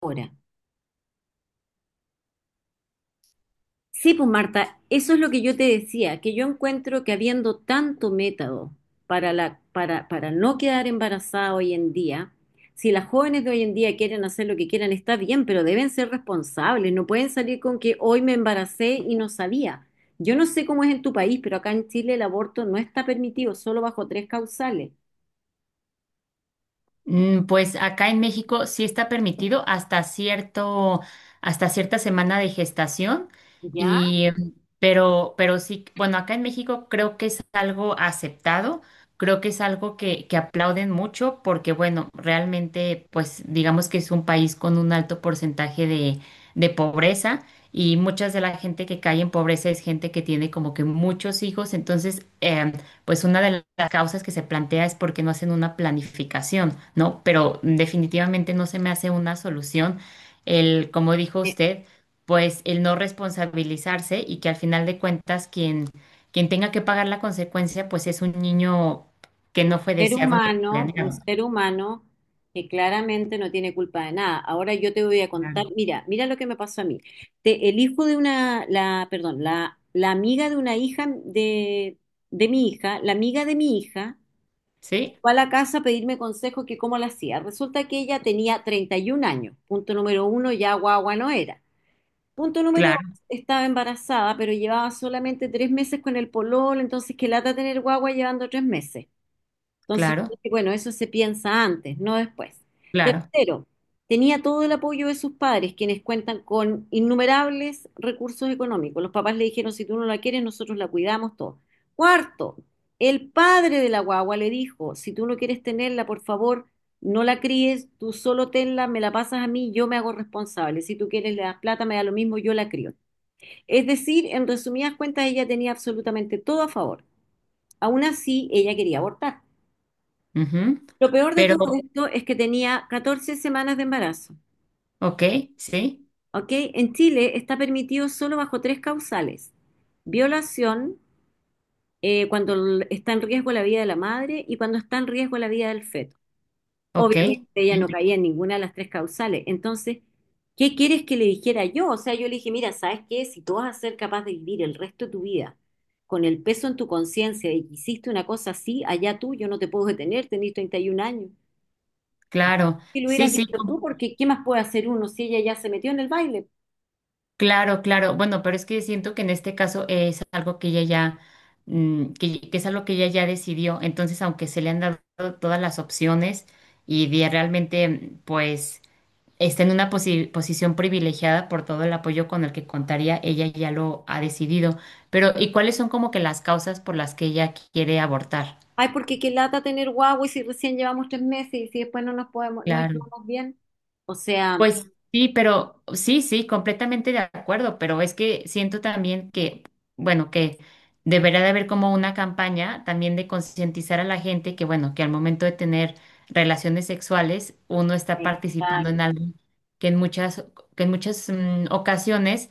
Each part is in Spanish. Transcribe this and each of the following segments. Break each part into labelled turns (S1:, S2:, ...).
S1: Ahora, sí, pues Marta, eso es lo que yo te decía, que yo encuentro que habiendo tanto método para para no quedar embarazada hoy en día, si las jóvenes de hoy en día quieren hacer lo que quieran, está bien, pero deben ser responsables, no pueden salir con que hoy me embaracé y no sabía. Yo no sé cómo es en tu país, pero acá en Chile el aborto no está permitido, solo bajo tres causales.
S2: Pues acá en México sí está permitido hasta cierta semana de gestación
S1: ¿Ya?
S2: y pero sí, bueno, acá en México creo que es algo aceptado, creo que es algo que aplauden mucho porque, bueno, realmente, pues digamos que es un país con un alto porcentaje de pobreza y muchas de la gente que cae en pobreza es gente que tiene como que muchos hijos, entonces pues una de las causas que se plantea es porque no hacen una planificación, ¿no? Pero definitivamente no se me hace una solución el, como dijo usted, pues el no responsabilizarse y que al final de cuentas quien tenga que pagar la consecuencia, pues es un niño que no fue
S1: Ser
S2: deseado ni
S1: humano, un
S2: planeado.
S1: ser humano que claramente no tiene culpa de nada. Ahora yo te voy a
S2: Claro.
S1: contar, mira, mira lo que me pasó a mí. El hijo de una, la, perdón, la amiga de una hija de mi hija, la amiga de mi hija,
S2: ¿Sí?
S1: fue a la casa a pedirme consejo que cómo la hacía. Resulta que ella tenía 31 años. Punto número uno, ya guagua no era. Punto número dos,
S2: Claro,
S1: estaba embarazada, pero llevaba solamente tres meses con el pololo, entonces qué lata tener guagua llevando tres meses. Entonces, yo
S2: claro,
S1: dije, bueno, eso se piensa antes, no después.
S2: claro.
S1: Tercero, tenía todo el apoyo de sus padres, quienes cuentan con innumerables recursos económicos. Los papás le dijeron, si tú no la quieres, nosotros la cuidamos todo. Cuarto, el padre de la guagua le dijo, si tú no quieres tenerla, por favor, no la críes, tú solo tenla, me la pasas a mí, yo me hago responsable. Si tú quieres, le das plata, me da lo mismo, yo la crío. Es decir, en resumidas cuentas, ella tenía absolutamente todo a favor. Aún así, ella quería abortar.
S2: Ujú.
S1: Lo peor de todo
S2: Pero,
S1: esto es que tenía 14 semanas de embarazo,
S2: ok, sí,
S1: ¿ok? En Chile está permitido solo bajo tres causales. Violación, cuando está en riesgo la vida de la madre y cuando está en riesgo la vida del feto.
S2: ok,
S1: Obviamente ella no
S2: sí,
S1: caía en ninguna de las tres causales. Entonces, ¿qué quieres que le dijera yo? O sea, yo le dije, mira, ¿sabes qué? Si tú vas a ser capaz de vivir el resto de tu vida con el peso en tu conciencia de que hiciste una cosa así, allá tú, yo no te puedo detener, tenés 31 años.
S2: claro.
S1: Si lo
S2: Sí,
S1: hubieras
S2: sí,
S1: dicho tú, porque ¿qué más puede hacer uno si ella ya se metió en el baile?
S2: claro, claro. Bueno, pero es que siento que en este caso es algo que ella ya, que es algo que ella ya decidió. Entonces, aunque se le han dado todas las opciones y realmente, pues, está en una posición privilegiada por todo el apoyo con el que contaría, ella ya lo ha decidido. Pero, ¿y cuáles son como que las causas por las que ella quiere abortar?
S1: Ay, porque qué lata tener guagua y si recién llevamos tres meses y si después no nos podemos, no
S2: Claro.
S1: llevamos bien. O sea,
S2: Pues sí, pero sí, sí, completamente de acuerdo, pero es que siento también que, bueno, que deberá de haber como una campaña también de concientizar a la gente que, bueno, que al momento de tener relaciones sexuales uno está participando
S1: exacto.
S2: en algo que en muchas, que en muchas ocasiones,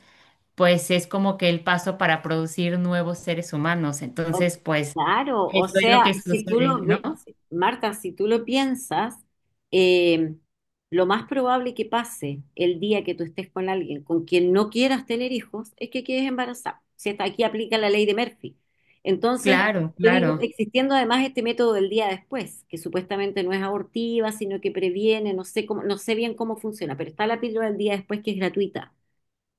S2: pues es como que el paso para producir nuevos seres humanos.
S1: O-
S2: Entonces, pues
S1: claro, o
S2: eso es lo
S1: sea,
S2: que
S1: si tú
S2: sucede,
S1: lo
S2: ¿no?
S1: ves, Marta, si tú lo piensas, eh, lo más probable que pase el día que tú estés con alguien con quien no quieras tener hijos es que quedes embarazada. Si hasta aquí aplica la ley de Murphy. Entonces,
S2: Claro,
S1: yo digo,
S2: claro,
S1: existiendo además este método del día después, que supuestamente no es abortiva, sino que previene, no sé cómo, no sé bien cómo funciona, pero está la píldora del día después que es gratuita,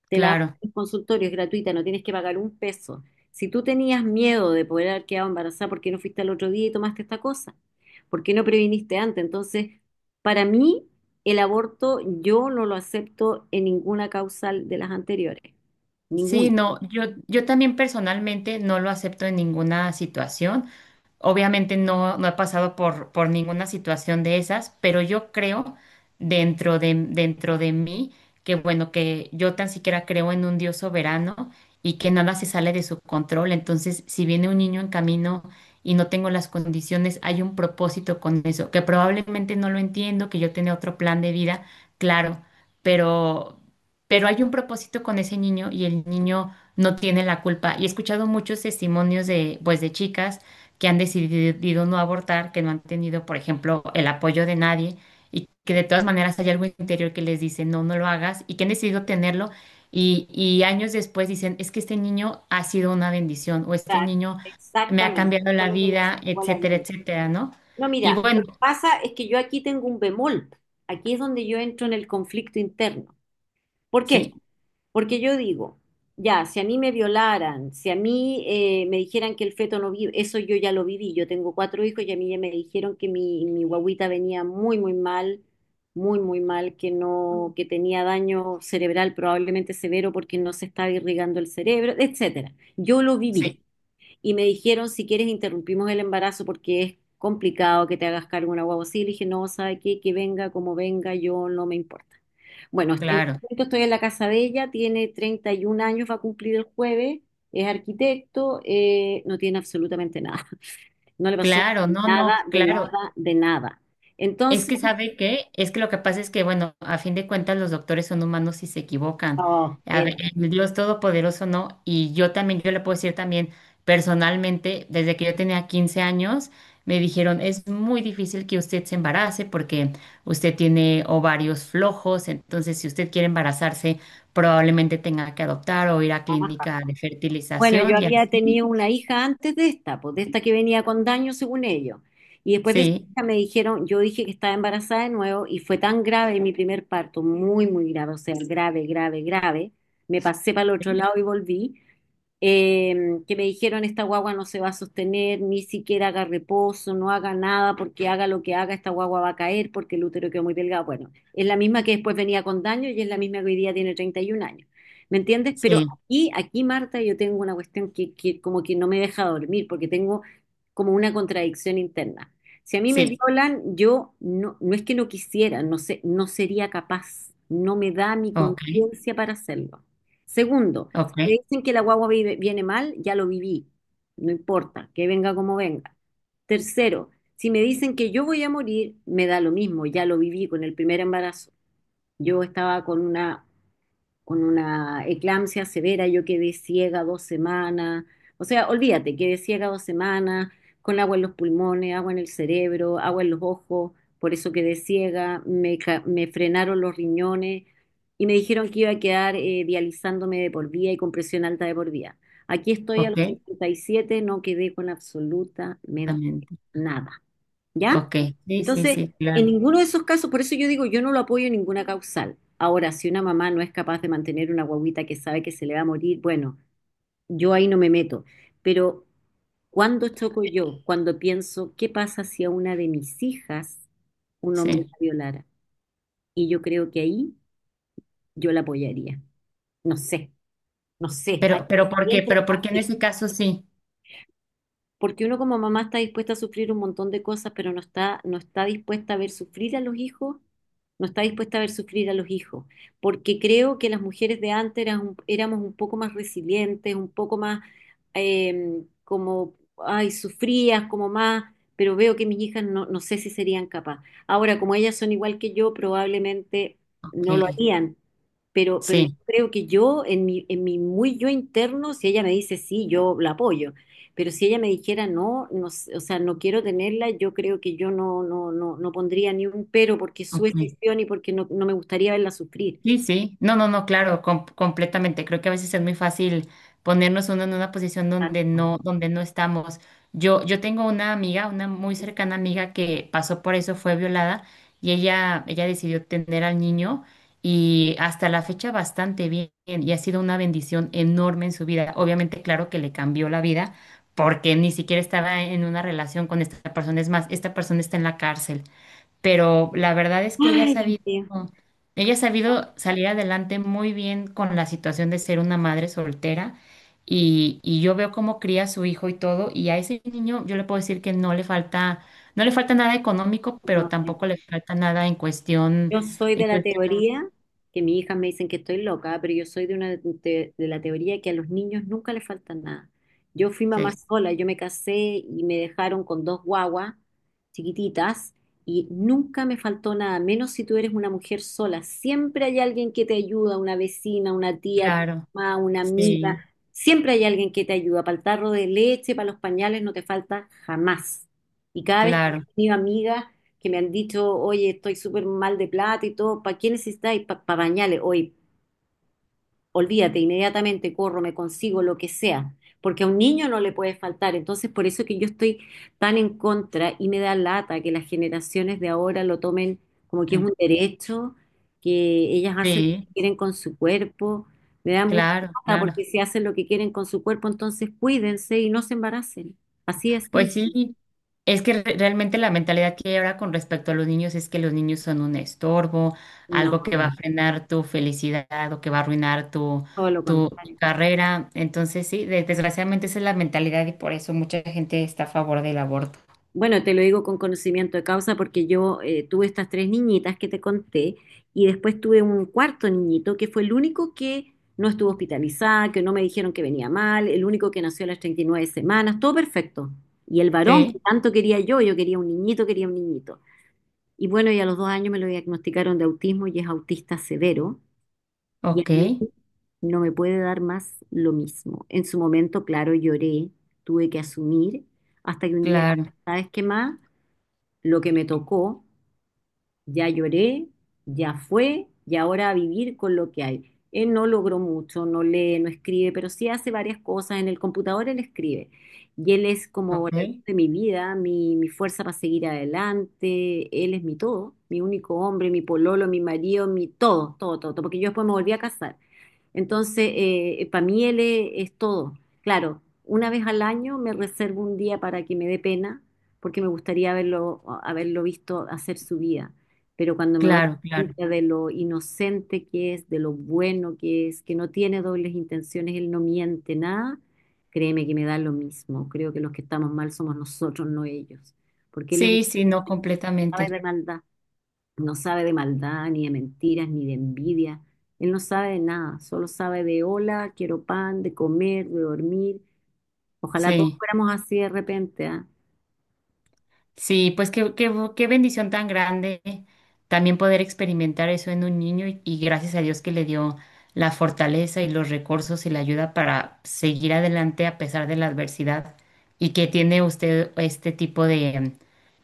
S1: te la dan
S2: claro.
S1: en el consultorio, es gratuita, no tienes que pagar un peso. Si tú tenías miedo de poder haber quedado embarazada, ¿por qué no fuiste al otro día y tomaste esta cosa? ¿Por qué no previniste antes? Entonces, para mí, el aborto yo no lo acepto en ninguna causal de las anteriores. Ninguna.
S2: Sí, no, yo también personalmente no lo acepto en ninguna situación. Obviamente no he pasado por ninguna situación de esas, pero yo creo dentro de mí que, bueno, que yo tan siquiera creo en un Dios soberano y que nada se sale de su control. Entonces, si viene un niño en camino y no tengo las condiciones, hay un propósito con eso, que probablemente no lo entiendo, que yo tenía otro plan de vida, claro, pero hay un propósito con ese niño y el niño no tiene la culpa. Y he escuchado muchos testimonios de, pues, de chicas que han decidido no abortar, que no han tenido, por ejemplo, el apoyo de nadie y que de todas maneras hay algo interior que les dice, no, no lo hagas y que han decidido tenerlo. Y años después dicen, es que este niño ha sido una bendición o este niño me ha
S1: Exactamente.
S2: cambiado
S1: Fue
S2: la
S1: lo que les
S2: vida,
S1: sacó la
S2: etcétera,
S1: vida.
S2: etcétera, ¿no?
S1: No,
S2: Y
S1: mira,
S2: bueno,
S1: lo que pasa es que yo aquí tengo un bemol. Aquí es donde yo entro en el conflicto interno. ¿Por qué?
S2: sí,
S1: Porque yo digo, ya, si a mí me violaran, si a mí me dijeran que el feto no vive, eso yo ya lo viví. Yo tengo 4 hijos y a mí ya me dijeron que mi guagüita venía muy, muy mal, que no, que tenía daño cerebral probablemente severo porque no se estaba irrigando el cerebro, etcétera. Yo lo viví.
S2: sí,
S1: Y me dijeron, si quieres, interrumpimos el embarazo porque es complicado que te hagas cargo de una guagua así. Le dije, no, ¿sabe qué? Que venga como venga, yo no me importa. Bueno, en este
S2: claro,
S1: momento estoy en la casa de ella, tiene 31 años, va a cumplir el jueves, es arquitecto, no tiene absolutamente nada, no le pasó
S2: claro, no,
S1: nada,
S2: no,
S1: de
S2: claro.
S1: nada, de nada. Entonces,
S2: Es que lo que pasa es que, bueno, a fin de cuentas los doctores son humanos y se equivocan.
S1: oh,
S2: A
S1: era
S2: ver, el Dios Todopoderoso no, y yo también, yo le puedo decir también personalmente, desde que yo tenía 15 años, me dijeron, es muy difícil que usted se embarace porque usted tiene ovarios flojos, entonces si usted quiere embarazarse, probablemente tenga que adoptar o ir a
S1: baja.
S2: clínica de
S1: Bueno, yo
S2: fertilización y
S1: había
S2: así.
S1: tenido una hija antes de esta, pues de esta que venía con daño según ellos. Y después de esa
S2: Sí,
S1: hija me dijeron, yo dije que estaba embarazada de nuevo y fue tan grave mi primer parto, muy, muy grave, o sea, grave, grave, grave. Me pasé para el otro
S2: sí,
S1: lado y volví. eh, que me dijeron esta guagua no se va a sostener, ni siquiera haga reposo, no haga nada, porque haga lo que haga, esta guagua va a caer porque el útero quedó muy delgado. Bueno, es la misma que después venía con daño y es la misma que hoy día tiene 31 años. ¿Me entiendes? Pero
S2: sí,
S1: aquí, Marta, yo tengo una cuestión que como que no me deja dormir, porque tengo como una contradicción interna. Si a mí me
S2: sí,
S1: violan, yo no, no es que no quisiera, no sé, no sería capaz, no me da mi
S2: ok,
S1: conciencia para hacerlo. Segundo,
S2: ok,
S1: me dicen que la guagua viene mal, ya lo viví. No importa, que venga como venga. Tercero, si me dicen que yo voy a morir, me da lo mismo, ya lo viví con el primer embarazo. Yo estaba con una eclampsia severa, yo quedé ciega dos semanas, o sea, olvídate, quedé ciega dos semanas, con agua en los pulmones, agua en el cerebro, agua en los ojos, por eso quedé ciega, me, me frenaron los riñones y me dijeron que iba a quedar dializándome de por vida y con presión alta de por vida. Aquí estoy a
S2: ok,
S1: los 57, no quedé con absolutamente
S2: también.
S1: nada. ¿Ya?
S2: Ok, sí, sí,
S1: Entonces,
S2: sí,
S1: en
S2: claro,
S1: ninguno de esos casos, por eso yo digo, yo no lo apoyo en ninguna causal. Ahora, si una mamá no es capaz de mantener una guagüita que sabe que se le va a morir, bueno, yo ahí no me meto. Pero, ¿cuándo choco yo? Cuando pienso, ¿qué pasa si a una de mis hijas un hombre
S2: sí.
S1: la violara? Y yo creo que ahí yo la apoyaría. No sé, no sé. Ahí,
S2: Pero ¿por
S1: ahí
S2: qué?
S1: entra el
S2: Pero ¿por qué en
S1: conflicto.
S2: ese caso sí?
S1: Porque uno como mamá está dispuesta a sufrir un montón de cosas, pero no está, no está dispuesta a ver sufrir a los hijos, no está dispuesta a ver sufrir a los hijos, porque creo que las mujeres de antes eran éramos un poco más resilientes, un poco más como, ay, sufrías como más, pero veo que mis hijas no, no sé si serían capaces. Ahora, como ellas son igual que yo, probablemente
S2: Ok,
S1: no lo harían. Pero yo
S2: sí,
S1: creo que yo, en en mi muy yo interno, si ella me dice sí, yo la apoyo. Pero si ella me dijera no, no, o sea, no quiero tenerla, yo creo que yo no, no, no, no pondría ni un pero porque es su
S2: ok,
S1: decisión y porque no, no me gustaría verla sufrir.
S2: sí, sí, no, no, no, claro, completamente. Creo que a veces es muy fácil ponernos uno en una posición
S1: Exacto.
S2: donde no estamos. Yo tengo una amiga, una muy cercana amiga que pasó por eso, fue violada y ella decidió tener al niño y hasta la fecha bastante bien y ha sido una bendición enorme en su vida. Obviamente, claro que le cambió la vida porque ni siquiera estaba en una relación con esta persona. Es más, esta persona está en la cárcel pero la verdad es que
S1: Ay, Dios mío.
S2: ella ha sabido salir adelante muy bien con la situación de ser una madre soltera y yo veo cómo cría a su hijo y todo, y a ese niño yo le puedo decir que no le falta, no le falta nada económico, pero
S1: No,
S2: tampoco le falta nada en
S1: yo soy de la
S2: cuestión,
S1: teoría, que mis hijas me dicen que estoy loca, pero yo soy de una de la teoría que a los niños nunca les falta nada. Yo fui mamá
S2: sí,
S1: sola, yo me casé y me dejaron con dos guaguas chiquititas y nunca me faltó nada, menos si tú eres una mujer sola. Siempre hay alguien que te ayuda, una vecina, una tía, tu
S2: claro,
S1: mamá, una amiga.
S2: sí,
S1: Siempre hay alguien que te ayuda. Para el tarro de leche, para los pañales, no te falta jamás. Y cada vez que he
S2: claro,
S1: tenido amigas que me han dicho, oye, estoy súper mal de plata y todo, ¿para qué necesitáis? Para bañales, hoy, olvídate, inmediatamente corro, me consigo lo que sea, porque a un niño no le puede faltar, entonces por eso que yo estoy tan en contra y me da lata que las generaciones de ahora lo tomen como que es un derecho, que ellas hacen lo
S2: sí,
S1: que quieren con su cuerpo, me da mucha
S2: claro,
S1: lata
S2: claro.
S1: porque si hacen lo que quieren con su cuerpo, entonces cuídense y no se embaracen, así es,
S2: Pues
S1: simple.
S2: sí, es que realmente la mentalidad que hay ahora con respecto a los niños es que los niños son un estorbo,
S1: No,
S2: algo que va a frenar tu felicidad o que va a arruinar tu,
S1: todo lo
S2: tu
S1: contrario.
S2: carrera. Entonces, sí, desgraciadamente esa es la mentalidad y por eso mucha gente está a favor del aborto.
S1: Bueno, te lo digo con conocimiento de causa porque yo tuve estas tres niñitas que te conté y después tuve un cuarto niñito que fue el único que no estuvo hospitalizado, que no me dijeron que venía mal, el único que nació a las 39 semanas, todo perfecto. Y el varón que
S2: Sí,
S1: tanto quería yo, yo quería un niñito, quería un niñito. Y bueno, y a los dos años me lo diagnosticaron de autismo y es autista severo y a
S2: ok,
S1: mí no me puede dar más lo mismo. En su momento, claro, lloré, tuve que asumir hasta que un día,
S2: claro,
S1: ¿sabes qué más? Lo que me tocó, ya lloré, ya fue, y ahora a vivir con lo que hay. Él no logró mucho, no lee, no escribe, pero sí hace varias cosas. En el computador él escribe. Y él es como la luz
S2: ok,
S1: de mi vida, mi fuerza para seguir adelante. Él es mi todo, mi único hombre, mi pololo, mi marido, mi todo, todo, todo, todo, porque yo después me volví a casar. Entonces, para mí él es todo. Claro, una vez al año me reservo un día para que me dé pena, porque me gustaría haberlo, haberlo visto hacer su vida. Pero cuando me doy
S2: claro, claro.
S1: cuenta de lo inocente que es, de lo bueno que es, que no tiene dobles intenciones, él no miente nada, créeme que me da lo mismo. Creo que los que estamos mal somos nosotros, no ellos. Porque él es un
S2: Sí, sí, no
S1: sabe
S2: completamente.
S1: de maldad. No sabe de maldad, ni de mentiras, ni de envidia. Él no sabe de nada, solo sabe de hola, quiero pan, de comer, de dormir. Ojalá todos
S2: Sí.
S1: fuéramos así de repente, ¿ah?
S2: Sí, pues qué bendición tan grande también poder experimentar eso en un niño y gracias a Dios que le dio la fortaleza y los recursos y la ayuda para seguir adelante a pesar de la adversidad y que tiene usted este tipo de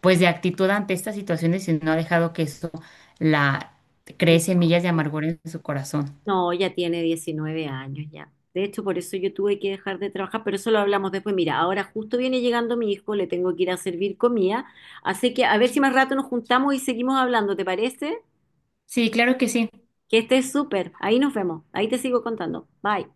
S2: pues de actitud ante estas situaciones y no ha dejado que eso la cree semillas de amargura en su corazón.
S1: No, ya tiene 19 años ya. De hecho, por eso yo tuve que dejar de trabajar, pero eso lo hablamos después. Mira, ahora justo viene llegando mi hijo, le tengo que ir a servir comida. Así que a ver si más rato nos juntamos y seguimos hablando, ¿te parece?
S2: Sí, claro que sí.
S1: Que estés súper. Ahí nos vemos. Ahí te sigo contando. Bye.